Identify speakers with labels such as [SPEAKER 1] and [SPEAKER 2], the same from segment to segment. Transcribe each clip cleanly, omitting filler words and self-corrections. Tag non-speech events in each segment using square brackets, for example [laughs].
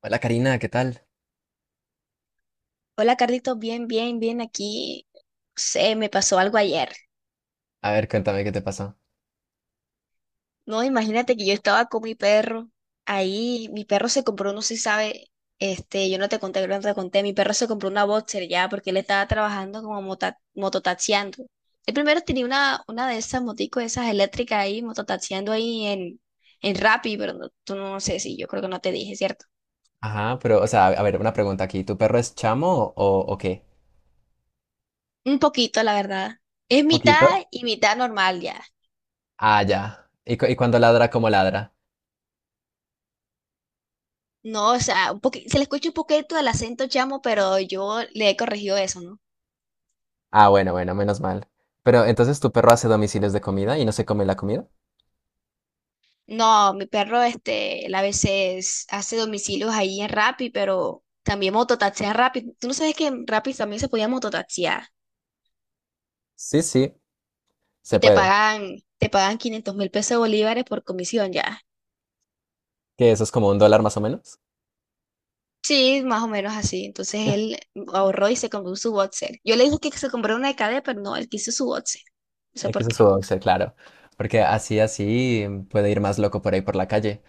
[SPEAKER 1] Hola Karina, ¿qué tal?
[SPEAKER 2] Hola Carlitos, bien, bien, bien aquí. Se me pasó algo ayer.
[SPEAKER 1] A ver, cuéntame qué te pasó.
[SPEAKER 2] No, imagínate que yo estaba con mi perro. Ahí mi perro se compró, no sé si sabe, yo no te conté, creo que no te conté, mi perro se compró una boxer ya porque él estaba trabajando como mototaxiando. El primero tenía una de esas moticos, esas eléctricas ahí, mototaxiando ahí en Rappi, pero tú no sé si yo creo que no te dije, ¿cierto?
[SPEAKER 1] Ajá, pero, o sea, a ver, una pregunta aquí. ¿Tu perro es chamo o qué?
[SPEAKER 2] Un poquito, la verdad. Es
[SPEAKER 1] ¿Un poquito?
[SPEAKER 2] mitad y mitad normal ya.
[SPEAKER 1] Ah, ya. ¿Y cuando ladra, cómo ladra?
[SPEAKER 2] No, o sea, se le escucha un poquito el acento chamo, pero yo le he corregido eso, ¿no?
[SPEAKER 1] Ah, bueno, bueno, menos mal. ¿Pero entonces tu perro hace domicilios de comida y no se come la comida?
[SPEAKER 2] No, mi perro, él a veces hace domicilios ahí en Rappi, pero también mototaxea en Rappi. ¿Tú no sabes que en Rappi también se podía mototaxear?
[SPEAKER 1] Sí, sí, se
[SPEAKER 2] Y te
[SPEAKER 1] puede.
[SPEAKER 2] pagan, te pagan 500 mil pesos de bolívares por comisión ya.
[SPEAKER 1] Que eso es como un dólar más o menos.
[SPEAKER 2] Sí, más o menos así. Entonces él
[SPEAKER 1] [laughs]
[SPEAKER 2] ahorró y se compró su boxer. Yo le dije que se compró una de cadena, pero no, él quiso su boxer. No sé
[SPEAKER 1] X
[SPEAKER 2] por
[SPEAKER 1] es
[SPEAKER 2] qué.
[SPEAKER 1] su boxer, claro. Porque así, así puede ir más loco por ahí por la calle.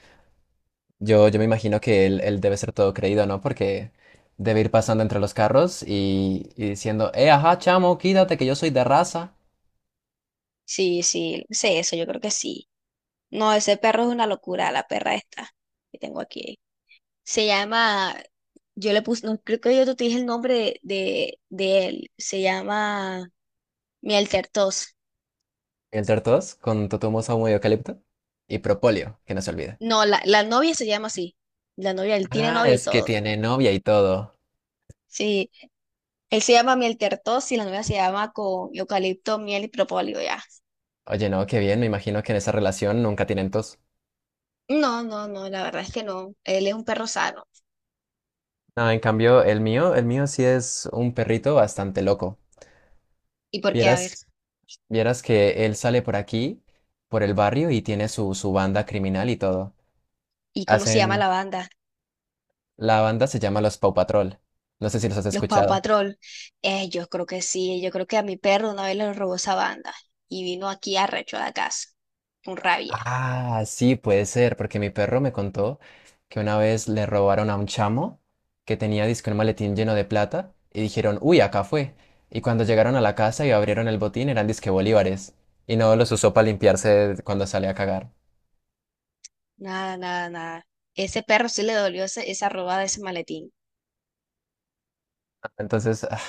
[SPEAKER 1] Yo me imagino que él debe ser todo creído, ¿no? Porque debe ir pasando entre los carros y diciendo, ajá, chamo, quítate que yo soy de raza.
[SPEAKER 2] Sí, sí, sé eso, yo creo que sí. No, ese perro es una locura, la perra esta que tengo aquí. Se llama, yo le puse, no, creo que yo te dije el nombre de él. Se llama miel tertos.
[SPEAKER 1] Y entre todos, con totumoso humo de eucalipto y propóleo, que no se olvide.
[SPEAKER 2] No, la novia se llama así. La novia, él tiene
[SPEAKER 1] Ah,
[SPEAKER 2] novia y
[SPEAKER 1] es que
[SPEAKER 2] todo.
[SPEAKER 1] tiene novia y todo.
[SPEAKER 2] Sí, él se llama miel tertos y la novia se llama con eucalipto, miel y propóleo ya.
[SPEAKER 1] Oye, no, qué bien, me imagino que en esa relación nunca tienen tos.
[SPEAKER 2] No, no, no, la verdad es que no. Él es un perro sano.
[SPEAKER 1] No, en cambio, el mío sí es un perrito bastante loco.
[SPEAKER 2] ¿Y por qué? A ver,
[SPEAKER 1] Vieras, vieras que él sale por aquí, por el barrio y tiene su banda criminal y todo.
[SPEAKER 2] ¿y cómo se llama
[SPEAKER 1] Hacen.
[SPEAKER 2] la banda?
[SPEAKER 1] La banda se llama Los Paw Patrol. No sé si los has
[SPEAKER 2] Los Paw
[SPEAKER 1] escuchado.
[SPEAKER 2] Patrol. Yo creo que sí, yo creo que a mi perro una vez le robó esa banda y vino aquí arrecho a la casa, con rabia.
[SPEAKER 1] Ah, sí, puede ser, porque mi perro me contó que una vez le robaron a un chamo que tenía disque un maletín lleno de plata y dijeron, uy, acá fue. Y cuando llegaron a la casa y abrieron el botín eran disque bolívares y no los usó para limpiarse cuando sale a cagar.
[SPEAKER 2] Nada, nada, nada. Ese perro sí le dolió esa robada de ese maletín.
[SPEAKER 1] Entonces,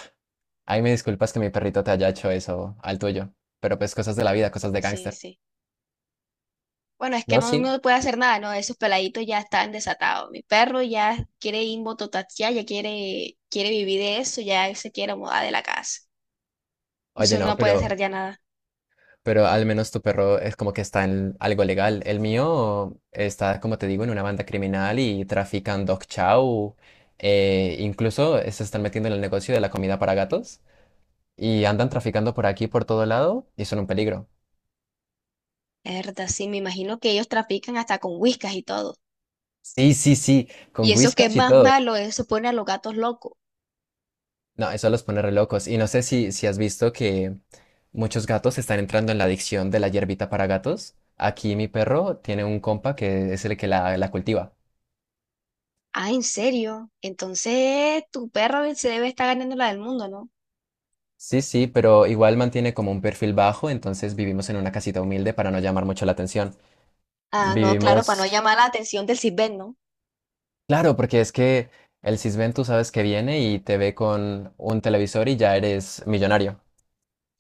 [SPEAKER 1] ahí me disculpas que mi perrito te haya hecho eso al tuyo, pero pues cosas de la vida, cosas de
[SPEAKER 2] Sí, sí,
[SPEAKER 1] gángster.
[SPEAKER 2] sí. Bueno, es que
[SPEAKER 1] No,
[SPEAKER 2] no,
[SPEAKER 1] sí.
[SPEAKER 2] no puede hacer nada, ¿no? Esos peladitos ya están desatados. Mi perro ya quiere invototaxiar, ya quiere vivir de eso, ya se quiere mudar de la casa.
[SPEAKER 1] Oye,
[SPEAKER 2] Entonces uno
[SPEAKER 1] no,
[SPEAKER 2] no puede
[SPEAKER 1] pero.
[SPEAKER 2] hacer ya nada.
[SPEAKER 1] Pero al menos tu perro es como que está en algo legal. El mío está, como te digo, en una banda criminal y trafican dog chow. Incluso se están metiendo en el negocio de la comida para gatos y andan traficando por aquí, por todo lado y son un peligro.
[SPEAKER 2] Es verdad, sí, me imagino que ellos trafican hasta con whiskas y todo.
[SPEAKER 1] Sí, sí, sí,
[SPEAKER 2] Y
[SPEAKER 1] con
[SPEAKER 2] eso que es
[SPEAKER 1] whiskas y
[SPEAKER 2] más
[SPEAKER 1] todo.
[SPEAKER 2] malo, eso pone a los gatos locos.
[SPEAKER 1] No, eso los pone re locos. Y no sé si has visto que muchos gatos están entrando en la adicción de la hierbita para gatos. Aquí mi perro tiene un compa que es el que la cultiva.
[SPEAKER 2] Ah, ¿en serio? Entonces tu perro se debe estar ganando la del mundo, ¿no?
[SPEAKER 1] Sí, sí, pero igual mantiene como un perfil bajo, entonces vivimos en una casita humilde para no llamar mucho la atención.
[SPEAKER 2] Ah, no, claro, para no
[SPEAKER 1] Vivimos,
[SPEAKER 2] llamar la atención del Sitbén, ¿no?
[SPEAKER 1] claro, porque es que el Sisbén tú sabes que viene y te ve con un televisor y ya eres millonario.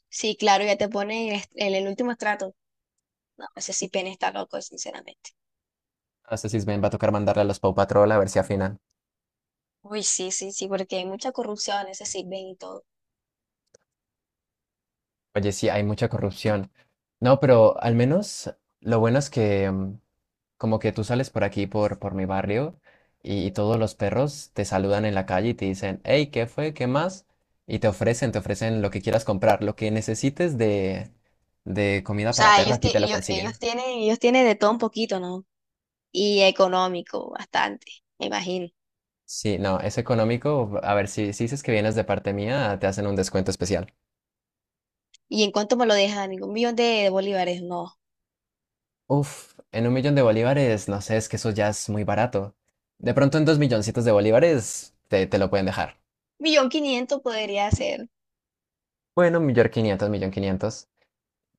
[SPEAKER 2] Sí, claro, ya te pone en en el último estrato. No, ese Sitbén está loco, sinceramente.
[SPEAKER 1] A este Sisbén va a tocar mandarle a los Paw Patrol a ver si afinan.
[SPEAKER 2] Uy, sí, sí, sí, porque hay mucha corrupción en ese Sitbén y todo. O
[SPEAKER 1] Oye, sí, hay mucha corrupción. No, pero al menos lo bueno es que como que tú sales por aquí, por mi barrio, y todos los perros te saludan en la calle y te dicen, hey, ¿qué fue? ¿Qué más? Y te ofrecen lo que quieras comprar, lo que necesites de comida para
[SPEAKER 2] sea,
[SPEAKER 1] perro,
[SPEAKER 2] ellos,
[SPEAKER 1] aquí
[SPEAKER 2] ti-
[SPEAKER 1] te lo
[SPEAKER 2] ellos,
[SPEAKER 1] consiguen.
[SPEAKER 2] ellos tienen de todo un poquito, ¿no? Y económico, bastante, me imagino.
[SPEAKER 1] Sí, no, es económico. A ver, si dices que vienes de parte mía, te hacen un descuento especial.
[SPEAKER 2] ¿Y en cuánto me lo dejan? Digo, un millón de bolívares, no.
[SPEAKER 1] Uf, en un millón de bolívares, no sé, es que eso ya es muy barato. De pronto en dos milloncitos de bolívares te lo pueden dejar.
[SPEAKER 2] Millón quinientos podría ser.
[SPEAKER 1] Bueno, un millón quinientos, millón quinientos.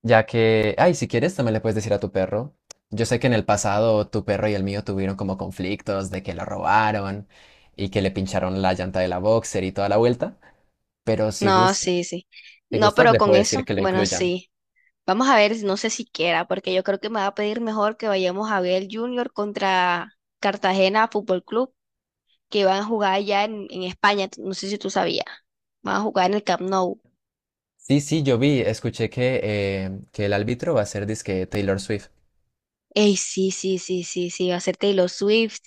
[SPEAKER 1] Ya que, ay, si quieres, también le puedes decir a tu perro. Yo sé que en el pasado tu perro y el mío tuvieron como conflictos de que lo robaron y que le pincharon la llanta de la boxer y toda la vuelta, pero
[SPEAKER 2] No, sí, sí.
[SPEAKER 1] si
[SPEAKER 2] No,
[SPEAKER 1] gustas,
[SPEAKER 2] pero
[SPEAKER 1] le
[SPEAKER 2] con
[SPEAKER 1] puedes decir
[SPEAKER 2] eso,
[SPEAKER 1] que lo
[SPEAKER 2] bueno,
[SPEAKER 1] incluyan.
[SPEAKER 2] sí. Vamos a ver, no sé si quiera, porque yo creo que me va a pedir mejor que vayamos a ver el Junior contra Cartagena Fútbol Club, que van a jugar allá en España. No sé si tú sabías. Van a jugar en el Camp Nou.
[SPEAKER 1] Sí, sí, escuché que el árbitro va a ser disque Taylor Swift.
[SPEAKER 2] Ey, sí, sí, sí, sí, sí, va a ser Taylor Swift.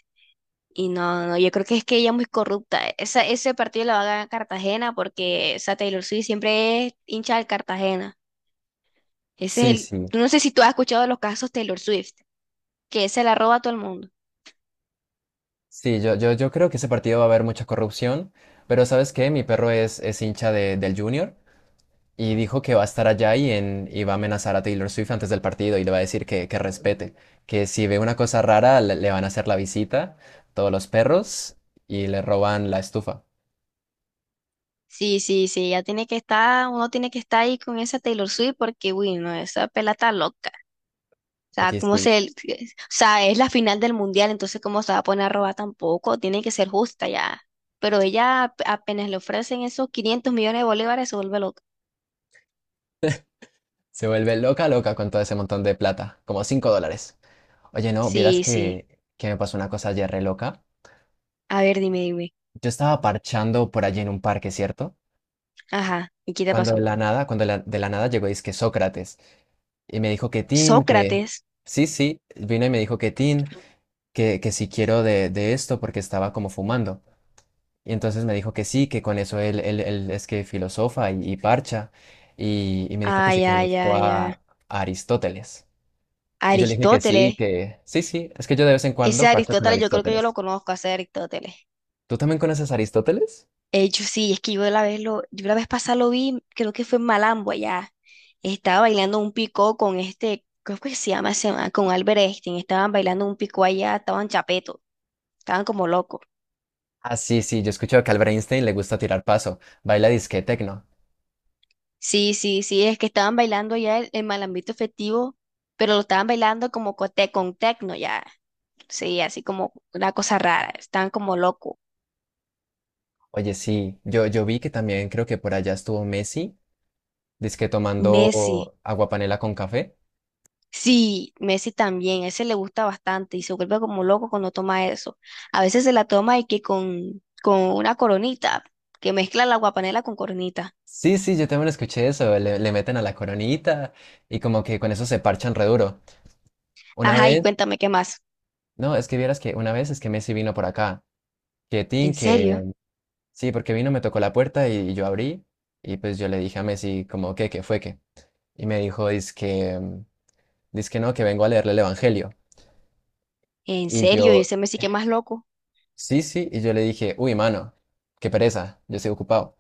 [SPEAKER 2] Y no, yo creo que es que ella es muy corrupta. Esa, ese partido lo va a ganar Cartagena porque esa Taylor Swift siempre es hincha del Cartagena. Ese
[SPEAKER 1] Sí,
[SPEAKER 2] es el.
[SPEAKER 1] sí,
[SPEAKER 2] No sé si tú has escuchado de los casos Taylor Swift, que se la roba a todo el mundo.
[SPEAKER 1] sí, yo creo que ese partido va a haber mucha corrupción, pero ¿sabes qué? Mi perro es hincha del Junior. Y dijo que va a estar allá y va a amenazar a Taylor Swift antes del partido y le va a decir que respete, que si ve una cosa rara le van a hacer la visita, todos los perros, y le roban la estufa.
[SPEAKER 2] Sí, sí, sí, ya tiene que estar, uno tiene que estar ahí con esa Taylor Swift porque, uy, no, esa pela está loca. O sea,
[SPEAKER 1] Oye, sí,
[SPEAKER 2] o sea, es la final del mundial, entonces cómo se va a poner a robar tampoco, tiene que ser justa ya. Pero ella apenas le ofrecen esos 500 millones de bolívares, se vuelve loca.
[SPEAKER 1] se vuelve loca, loca con todo ese montón de plata, como $5. Oye, no, vieras
[SPEAKER 2] Sí, sí.
[SPEAKER 1] que me pasó una cosa ayer re loca.
[SPEAKER 2] A ver, dime, dime.
[SPEAKER 1] Yo estaba parchando por allí en un parque, ¿cierto?
[SPEAKER 2] Ajá, ¿y qué te
[SPEAKER 1] Cuando de
[SPEAKER 2] pasó?
[SPEAKER 1] la nada, cuando de la, de la nada llegó, que Sócrates, y me dijo que Tin, que.
[SPEAKER 2] Sócrates.
[SPEAKER 1] Sí, sí, vino y me dijo que Tin. Que si quiero de esto porque estaba como fumando. Y entonces me dijo que sí, que con eso él es que filosofa y parcha. Y me dijo que si
[SPEAKER 2] Ay, ay,
[SPEAKER 1] conozco
[SPEAKER 2] ay, ay.
[SPEAKER 1] a Aristóteles. Y yo le dije
[SPEAKER 2] Aristóteles.
[SPEAKER 1] que sí, sí, es que yo de vez en
[SPEAKER 2] Ese
[SPEAKER 1] cuando parcho con
[SPEAKER 2] Aristóteles, yo creo que yo lo
[SPEAKER 1] Aristóteles.
[SPEAKER 2] conozco, ese Aristóteles.
[SPEAKER 1] ¿Tú también conoces a Aristóteles?
[SPEAKER 2] Yo sí, es que yo la vez pasada lo vi, creo que fue en Malambo allá. Estaba bailando un picó con creo que se llama, con Albert Einstein. Estaban bailando un picó allá, estaban chapeto, estaban como locos.
[SPEAKER 1] Ah, sí, sí, yo escucho que a Albert Einstein le gusta tirar paso, baila disque tecno.
[SPEAKER 2] Sí, sí, sí, es que estaban bailando allá el Malambito festivo, pero lo estaban bailando como con tecno ya. Sí, así como una cosa rara, estaban como locos.
[SPEAKER 1] Oye, sí, yo vi que también creo que por allá estuvo Messi, disque
[SPEAKER 2] Messi.
[SPEAKER 1] tomando agua panela con café.
[SPEAKER 2] Sí, Messi también, a ese le gusta bastante y se vuelve como loco cuando toma eso. A veces se la toma y que con una coronita, que mezcla la guapanela con coronita.
[SPEAKER 1] Sí, sí, yo también escuché eso, le meten a la coronita y como que con eso se parchan re duro. Una
[SPEAKER 2] Ajá, y
[SPEAKER 1] vez,
[SPEAKER 2] cuéntame qué más.
[SPEAKER 1] no, es que vieras que una vez es que Messi vino por acá, que Tin,
[SPEAKER 2] ¿En serio?
[SPEAKER 1] que sí, porque vino, me tocó la puerta y, yo abrí y pues yo le dije a Messi como que, ¿qué fue qué? Y me dijo, dice que, no, que vengo a leerle el Evangelio.
[SPEAKER 2] ¿En
[SPEAKER 1] Y
[SPEAKER 2] serio? ¿Y
[SPEAKER 1] yo,
[SPEAKER 2] ese Messi qué más loco?
[SPEAKER 1] sí, sí, y yo le dije, uy, mano, qué pereza, yo estoy ocupado.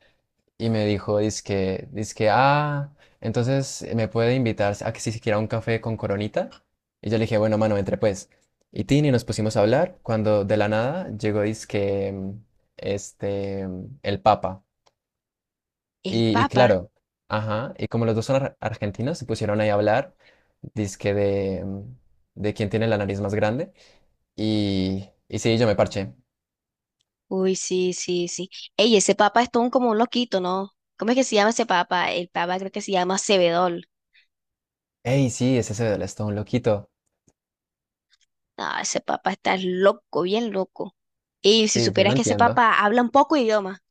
[SPEAKER 1] Y me dijo, dizque, entonces me puede invitar a que si se quiera un café con Coronita. Y yo le dije, bueno, mano, entre pues. Y Tini nos pusimos a hablar cuando de la nada llegó, dizque, el Papa.
[SPEAKER 2] ¿El
[SPEAKER 1] Y
[SPEAKER 2] Papa?
[SPEAKER 1] claro, ajá, y como los dos son argentinos, se pusieron ahí a hablar, dizque de quién tiene la nariz más grande. Y sí, yo me parché.
[SPEAKER 2] Uy, sí, sí, sí. Ey, ese Papa es todo como un loquito, ¿no? ¿Cómo es que se llama ese Papa? El Papa creo que se llama Cebedol.
[SPEAKER 1] Ey, sí, es ese del Stone, loquito.
[SPEAKER 2] Ah, ese Papa está loco, bien loco. Y si
[SPEAKER 1] Sí, yo no
[SPEAKER 2] supieras que ese
[SPEAKER 1] entiendo.
[SPEAKER 2] Papa habla un poco idioma.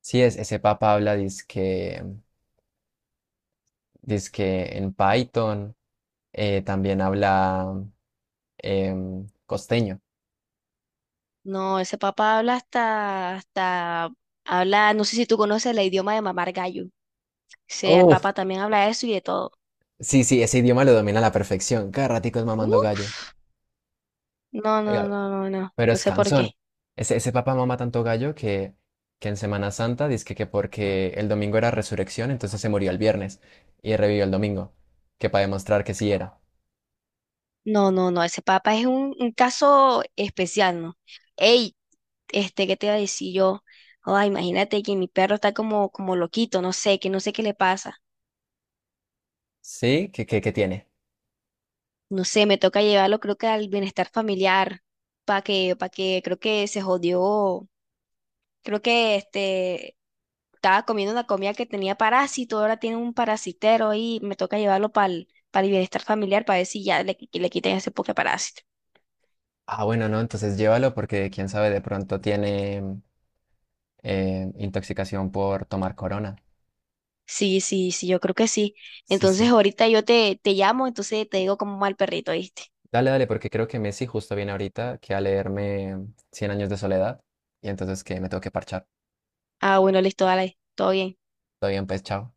[SPEAKER 1] Sí, es, ese papa habla, dice que en Python, también habla costeño.
[SPEAKER 2] No, ese papá habla hasta, habla, no sé si tú conoces el idioma de mamar gallo. Ese
[SPEAKER 1] Uf,
[SPEAKER 2] papá también habla eso y de todo.
[SPEAKER 1] sí, sí, ese idioma lo domina a la perfección. Cada ratico es mamando
[SPEAKER 2] Uf,
[SPEAKER 1] gallo.
[SPEAKER 2] no, no,
[SPEAKER 1] Oiga,
[SPEAKER 2] no, no, no,
[SPEAKER 1] pero
[SPEAKER 2] no
[SPEAKER 1] es
[SPEAKER 2] sé por qué.
[SPEAKER 1] cansón. Ese papá mama tanto gallo que en Semana Santa dice que porque el domingo era resurrección, entonces se murió el viernes y revivió el domingo, que para demostrar que sí era.
[SPEAKER 2] No, no, no, ese papá es un caso especial, ¿no? Ey, ¿qué te iba a decir yo? Ay, imagínate que mi perro está como loquito, no sé, que no sé qué le pasa.
[SPEAKER 1] ¿Sí? ¿Qué tiene?
[SPEAKER 2] No sé, me toca llevarlo creo que al bienestar familiar, creo que se jodió. Creo que estaba comiendo una comida que tenía parásito, ahora tiene un parasitero y me toca llevarlo para el bienestar familiar para ver si ya le quitan ese poke parásito.
[SPEAKER 1] Ah, bueno, no, entonces llévalo porque quién sabe, de pronto tiene intoxicación por tomar corona.
[SPEAKER 2] Sí, sí, sí, yo creo que sí.
[SPEAKER 1] Sí,
[SPEAKER 2] Entonces
[SPEAKER 1] sí.
[SPEAKER 2] ahorita yo te llamo, entonces te digo cómo va el perrito, ¿viste?
[SPEAKER 1] Dale, dale, porque creo que Messi justo viene ahorita que a leerme Cien años de soledad y entonces que me tengo que parchar.
[SPEAKER 2] Ah, bueno, listo, dale, todo bien.
[SPEAKER 1] Todo bien, pues, chao.